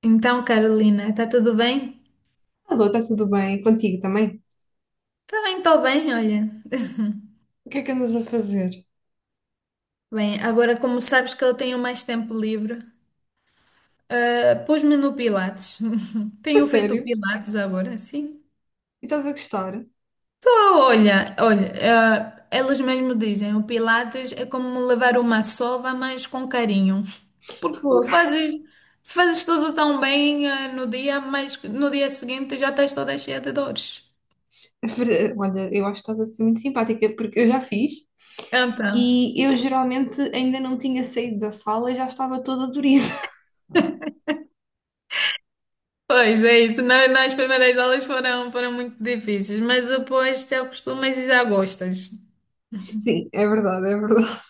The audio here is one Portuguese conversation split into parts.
Então, Carolina, está tudo bem? Alô, está tudo bem? Contigo também? Também estou bem, olha. O que é que andas a fazer? Bem, agora como sabes que eu tenho mais tempo livre, pus-me no Pilates. A Tenho feito sério? Pilates agora, sim. E estás a gostar? Estou, olha, olha, elas mesmo dizem, o Pilates é como levar uma sova, mas com carinho. Porque Fogo. Fazes tudo tão bem, no dia, mas no dia seguinte já estás toda cheia de dores. Olha, eu acho que estás a ser muito simpática, porque eu já fiz Então. e eu geralmente ainda não tinha saído da sala e já estava toda dorida. Pois é isso. Nas primeiras aulas foram muito difíceis, mas depois te acostumas e já gostas. Sim, é verdade, é verdade.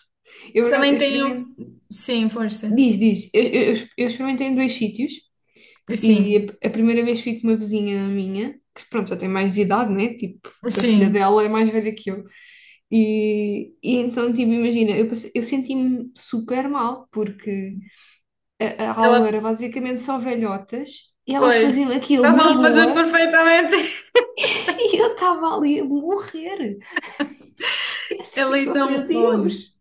Eu, por acaso, Também eu tenho. experimentei. Sim, força. Diz, diz. Eu experimentei em dois sítios e Sim, a primeira vez fui com uma vizinha minha, que pronto, já tem mais de idade, né? Tipo, a filha sim. dela é mais velha que eu. E então, tipo, imagina, eu senti-me super mal, porque a aula Ela, era basicamente só velhotas e elas pois. faziam aquilo na Estavam a fazer boa perfeitamente. e eu estava ali a morrer. E assim, Elas oh meu são, olha, Deus!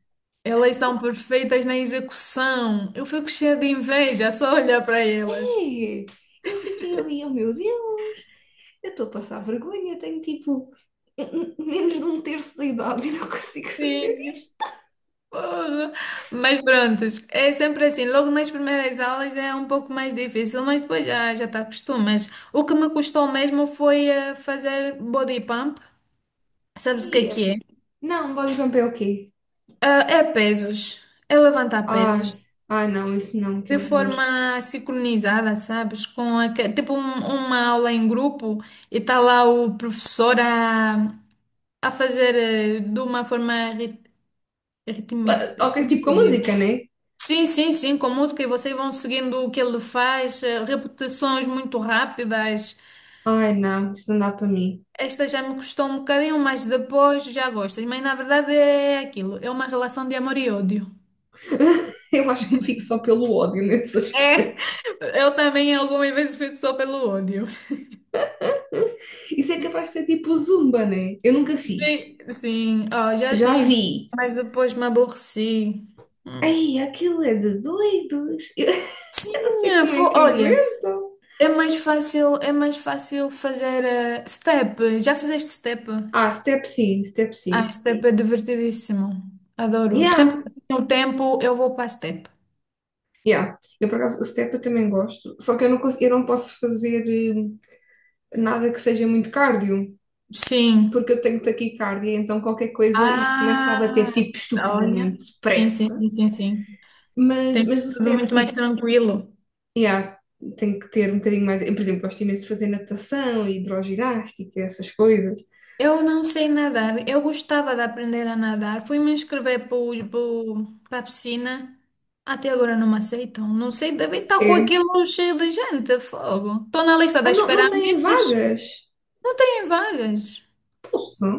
elas são perfeitas na execução. Eu fico cheia de inveja só olhar para elas. É. Eu fiquei ali, oh meu Deus! Eu estou a passar vergonha, tenho tipo menos de um terço da idade e não consigo fazer Sim. Porra. Mas pronto, é sempre assim. Logo nas primeiras aulas é um pouco mais difícil, mas depois já te acostumas. O que me custou mesmo foi fazer body pump. isso. Sabes o que é que é? Não, bodybump é o quê? Ah, é pesos, é levantar pesos Ai, ai não, isso não, que de horror. forma sincronizada, sabes? Com tipo uma aula em grupo e está lá o professor a fazer de uma forma ritmi- Ah, ok, como é tipo que com eu música, digo? né? Sim, sim, sim, com música e vocês vão seguindo o que ele faz, repetições muito rápidas. Ai não, isso não dá para mim. Esta já me custou um bocadinho, mas depois já gostas. Mas na verdade é aquilo, é uma relação de amor e ódio. Eu acho que me fico só pelo ódio nesse. É, eu também algumas vezes fico só pelo ódio. Isso é capaz de ser tipo o Zumba, né? Eu nunca fiz. Sim, sim, ó, já Já fiz, um, vi. mas depois me aborreci. Hum. Ai, aquilo é de doidos. Sim, Eu não sei como é que olha, aguentam. É mais fácil fazer step. Já fizeste step? Ah, step sim, step Ah, sim. step é divertidíssimo. Adoro. Sempre Yeah. que tenho tempo, eu vou para step. Yeah. Eu, por acaso, step eu também gosto, só que eu não posso fazer nada que seja muito cardio, Sim. porque eu tenho taquicardia, então qualquer coisa isto começa a bater, Ah, tipo, olha. estupidamente Sim, sim, depressa. sim, sim, sim. Mas, Tem mas sido o tudo step, muito mais tipo, tranquilo. yeah, tem que ter um bocadinho mais. Eu, por exemplo, gosto imenso de fazer natação, hidroginástica, essas coisas. Eu não sei nadar. Eu gostava de aprender a nadar. Fui me inscrever para a piscina. Até agora não me aceitam. Não sei, devem estar com É. aquilo cheio de gente. Fogo. Estou na lista da Ah, não, não espera há têm meses. vagas? Não têm vagas. Poxa.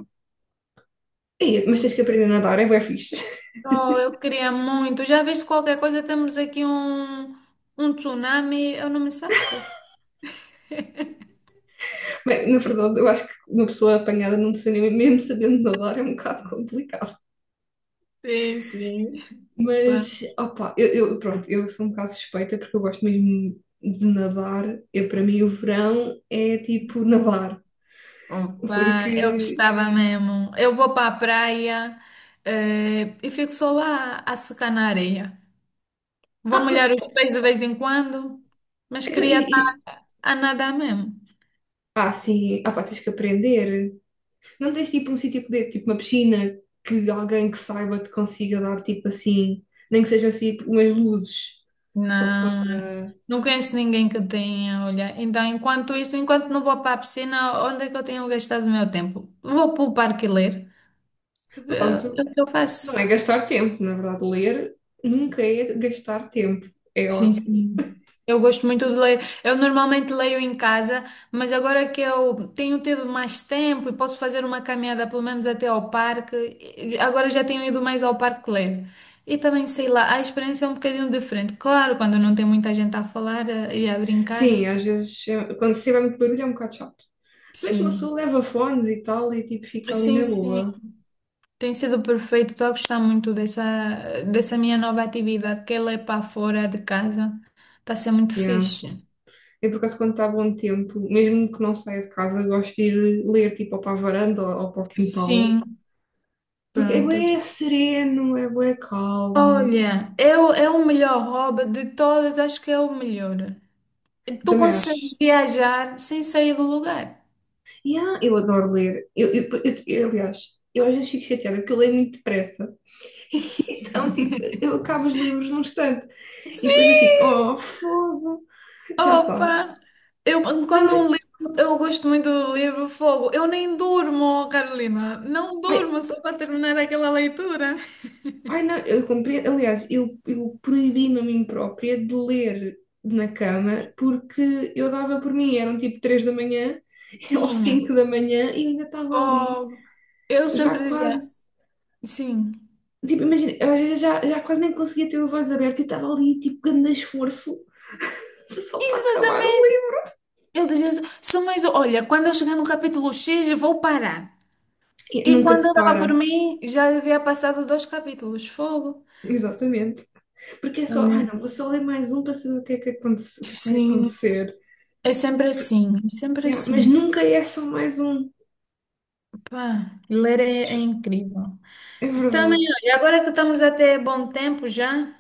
Ei, mas tens que aprender a nadar, é bué fixe. Oh, eu queria muito. Já viste qualquer coisa? Temos aqui um, um tsunami. Eu não me safo. Bem, na verdade, eu acho que uma pessoa apanhada num tsunami, mesmo sabendo nadar, é um bocado complicado. Sim, sim. Opa, Mas, opa, pronto, eu sou um bocado suspeita porque eu gosto mesmo de nadar. Eu, para mim, o verão é tipo nadar. opa, eu Porque. gostava mesmo. Eu vou para a praia, e fico só lá a secar na areia. Vou Ah, mas molhar pô, os pés de vez em quando, mas então, queria estar a nadar mesmo. ah, sim, ah, pá, tens que aprender. Não tens tipo um sítio que dê, tipo uma piscina que alguém que saiba te consiga dar tipo assim, nem que seja assim tipo, umas luzes. Só Não, para. não conheço ninguém que tenha, olha. Então, enquanto isto, enquanto não vou para a piscina, onde é que eu tenho gastado o meu tempo? Vou para o parque ler. É é Pronto, o que eu não faço. é gastar tempo, na verdade, ler nunca é gastar tempo. É Sim, ótimo. sim. Eu gosto muito de ler. Eu normalmente leio em casa, mas agora que eu tenho tido mais tempo e posso fazer uma caminhada pelo menos até ao parque, agora já tenho ido mais ao parque ler. E também, sei lá, a experiência é um bocadinho diferente. Claro, quando não tem muita gente a falar e a brincar, Sim, às vezes, é- quando se tiver muito barulho é um bocado chato. Se bem que uma sim. pessoa leva fones e tal e tipo fica ali Sim, na sim. boa. Tem sido perfeito. Estou a gostar muito dessa, dessa minha nova atividade, que é ler para fora de casa. Está a ser muito Yeah. fixe. Eu por acaso quando está bom tempo, mesmo que não saia de casa, gosto de ir ler tipo ou para a varanda ou para o quintal. Sim. Porque é Pronto. bué sereno, é bué calmo. Olha, eu, é o melhor hobby de todas, acho que é o melhor. Eu Tu também consegues acho. viajar sem sair do lugar. Yeah, eu adoro ler. Aliás, eu às vezes fico chateada porque eu leio muito depressa. Então, tipo, eu acabo os livros num instante. E depois eu fico, Sim! oh, fogo, já está. Opa! Eu, quando um Também- livro, eu gosto muito do livro Fogo. Eu nem durmo, Carolina. Não Ai, durmo só para terminar aquela leitura. ai, não, eu compreendo. Aliás, eu proibi-me a mim própria de ler na cama porque eu dava por mim, eram tipo 3 da manhã ou Tinha. 5 da manhã e eu ainda estava ali, Oh. Eu já sempre dizia, quase. sim. Tipo, imagina, eu às vezes já quase nem conseguia ter os olhos abertos e estava ali, tipo, grande esforço, só para acabar o Exatamente. livro. Eu dizia, só mais, olha, quando eu chegar no capítulo X, eu vou parar. E E nunca quando se eu estava por para. mim, já havia passado dois capítulos. Fogo. Exatamente. Porque é só, ah Olha, não, vou só ler mais um para saber o que é que, aconte- o que é que vai sim. acontecer. É sempre assim, é sempre Yeah, mas assim. nunca é só mais um. Pá, ler é incrível. É Também, verdade, olha, agora que estamos até bom tempo já.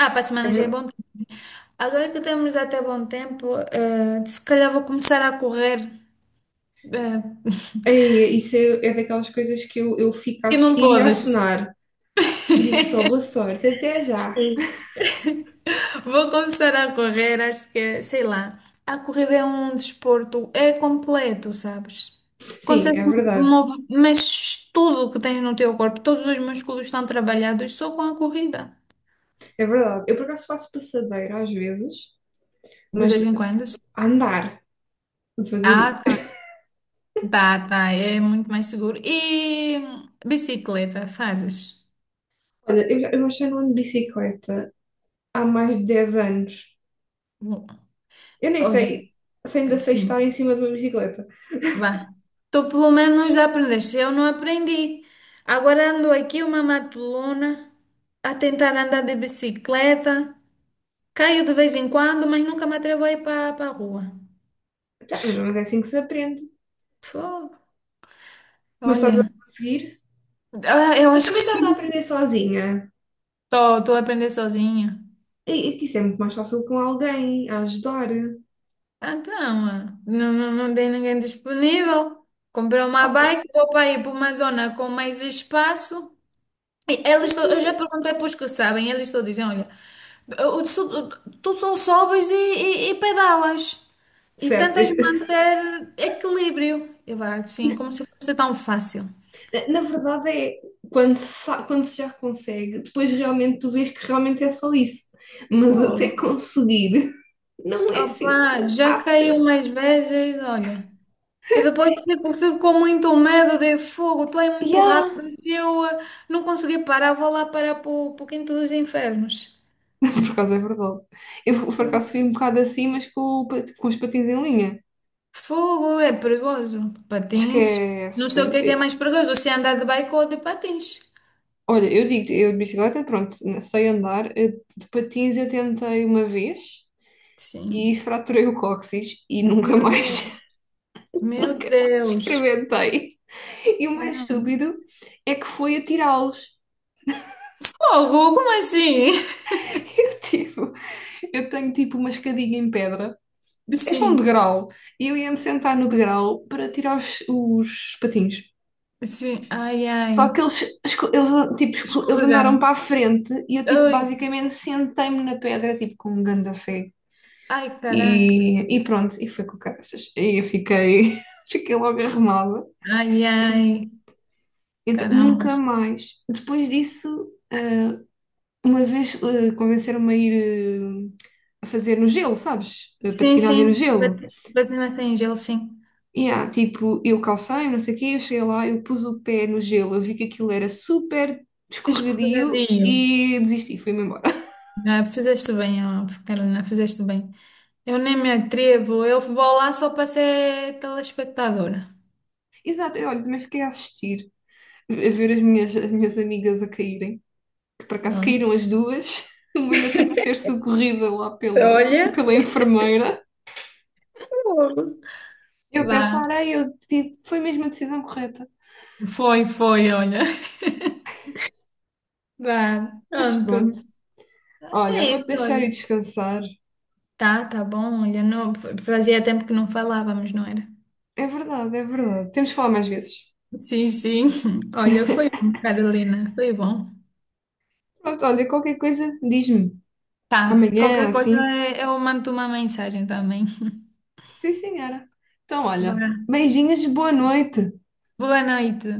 Ah, para a é semana já é bom verdade. tempo. Né? Agora que temos até bom tempo, se calhar vou começar a correr. eh, Ei, isso é, é daquelas coisas que eu fico a que não assistir e a podes. assinar. Digo só boa sorte, até já. Vou começar a correr, acho que, sei lá, a corrida é um desporto, é completo, sabes? Sim, Consegues é verdade, mover, mas tudo o que tens no teu corpo, todos os músculos estão trabalhados só com a corrida. é verdade. Eu por acaso faço passadeira às vezes, De mas vez em quando. Sim. a andar, devagarinho. Ah, tá, tá, tá, é muito mais seguro. E bicicleta, fazes? Olha, eu acho que já não ando de bicicleta há mais de 10 anos. Bom, Eu nem olha, sei se ainda sei sim. estar em cima de uma bicicleta. Vá. Tu pelo menos aprendeste, eu não aprendi. Agora ando aqui uma matulona a tentar andar de bicicleta. Caio de vez em quando, mas nunca me atrevo a ir para a rua. Tá, mas é assim que se aprende. Fô, Mas estás a olha, conseguir. Eu Mas acho que também sim. estás a aprender sozinha. Estou a aprender sozinha. E que isso é muito mais fácil com alguém a ajudar. Ah, então, ah, não, não, não tem ninguém disponível. Comprei uma Opa, bike, vou para ir para uma zona com mais espaço. E mas elas, que. eu já perguntei para os que sabem, eles todos dizem, olha, o- o- tu só sobes e pedalas. E Certo, tentas isso, manter equilíbrio. Eu vá assim, como se fosse tão fácil. na verdade é quando se, quando se já consegue, depois realmente tu vês que realmente é só isso. Mas até Fogo. conseguir não é assim tão Opa, já fácil. caiu umas vezes, olha. E depois fico com muito medo de fogo, tu é muito Yeah. rápido. E eu não consegui parar, vou lá parar para o quinto dos infernos. Por acaso é verdade. Eu por acaso fui um bocado assim, mas com os patins em linha. Fogo é perigoso. Patins. Não sei o que é Esquece. mais perigoso, se é andar de bike ou de patins. Olha, eu digo, eu de bicicleta, pronto, sei andar. De patins eu tentei uma vez e Sim. fraturei o cóccix e nunca Meu mais Deus. Meu Deus. experimentei. E o mais estúpido é que foi atirá-los. Fogo, como assim? Eu, tipo, eu tenho tipo uma escadinha em pedra, é só um Sim, degrau, e eu ia-me sentar no degrau para tirar os patins. sim. Ai, ai. Só que eles, esco- eles, tipo, esco- eles Escorregar. andaram para a frente e eu, tipo, Ai, basicamente sentei-me na pedra, tipo, com um ganda fé. ai, E, caraca. e pronto, e foi com caraças. E eu fiquei, fiquei logo arrumada. Ai, ai. Então, Caramba. nunca mais. Depois disso, uma vez convenceram-me a ir eh, a fazer no gelo, sabes? Sim, Patinagem no sim. gelo. Patinação em gelo, sim. E tipo, eu calcei, não sei o quê, eu cheguei lá, eu pus o pé no gelo, eu vi que aquilo era super escorregadio Escorregadio. e desisti, fui-me embora. Ah, fizeste bem, ó, Carolina, fizeste bem. Eu nem me atrevo, eu vou lá só para ser telespectadora. Exato, eu, olha, também fiquei a assistir, a ver as minhas amigas a caírem. Que por acaso Olha. caíram as duas, mas eu tive que ser socorrida lá pela, Olha, pela enfermeira. oh. Eu Vá. pensar, ai, eu tive, foi mesmo a decisão correta. Foi, foi, olha. Vá, Mas pronto. pronto, olha, É vou-te isso, deixar e olha. descansar. Tá, tá bom, olha. Não, fazia tempo que não falávamos, não era? É verdade, é verdade. Temos de falar mais vezes. Sim, sim. Olha, foi bom, Carolina, foi bom. Pronto, olha, qualquer coisa, diz-me. Tá. Amanhã, Qualquer coisa assim. eu mando uma mensagem também. Sim, senhora. Então, olha, Vá. beijinhos, boa noite. Boa noite.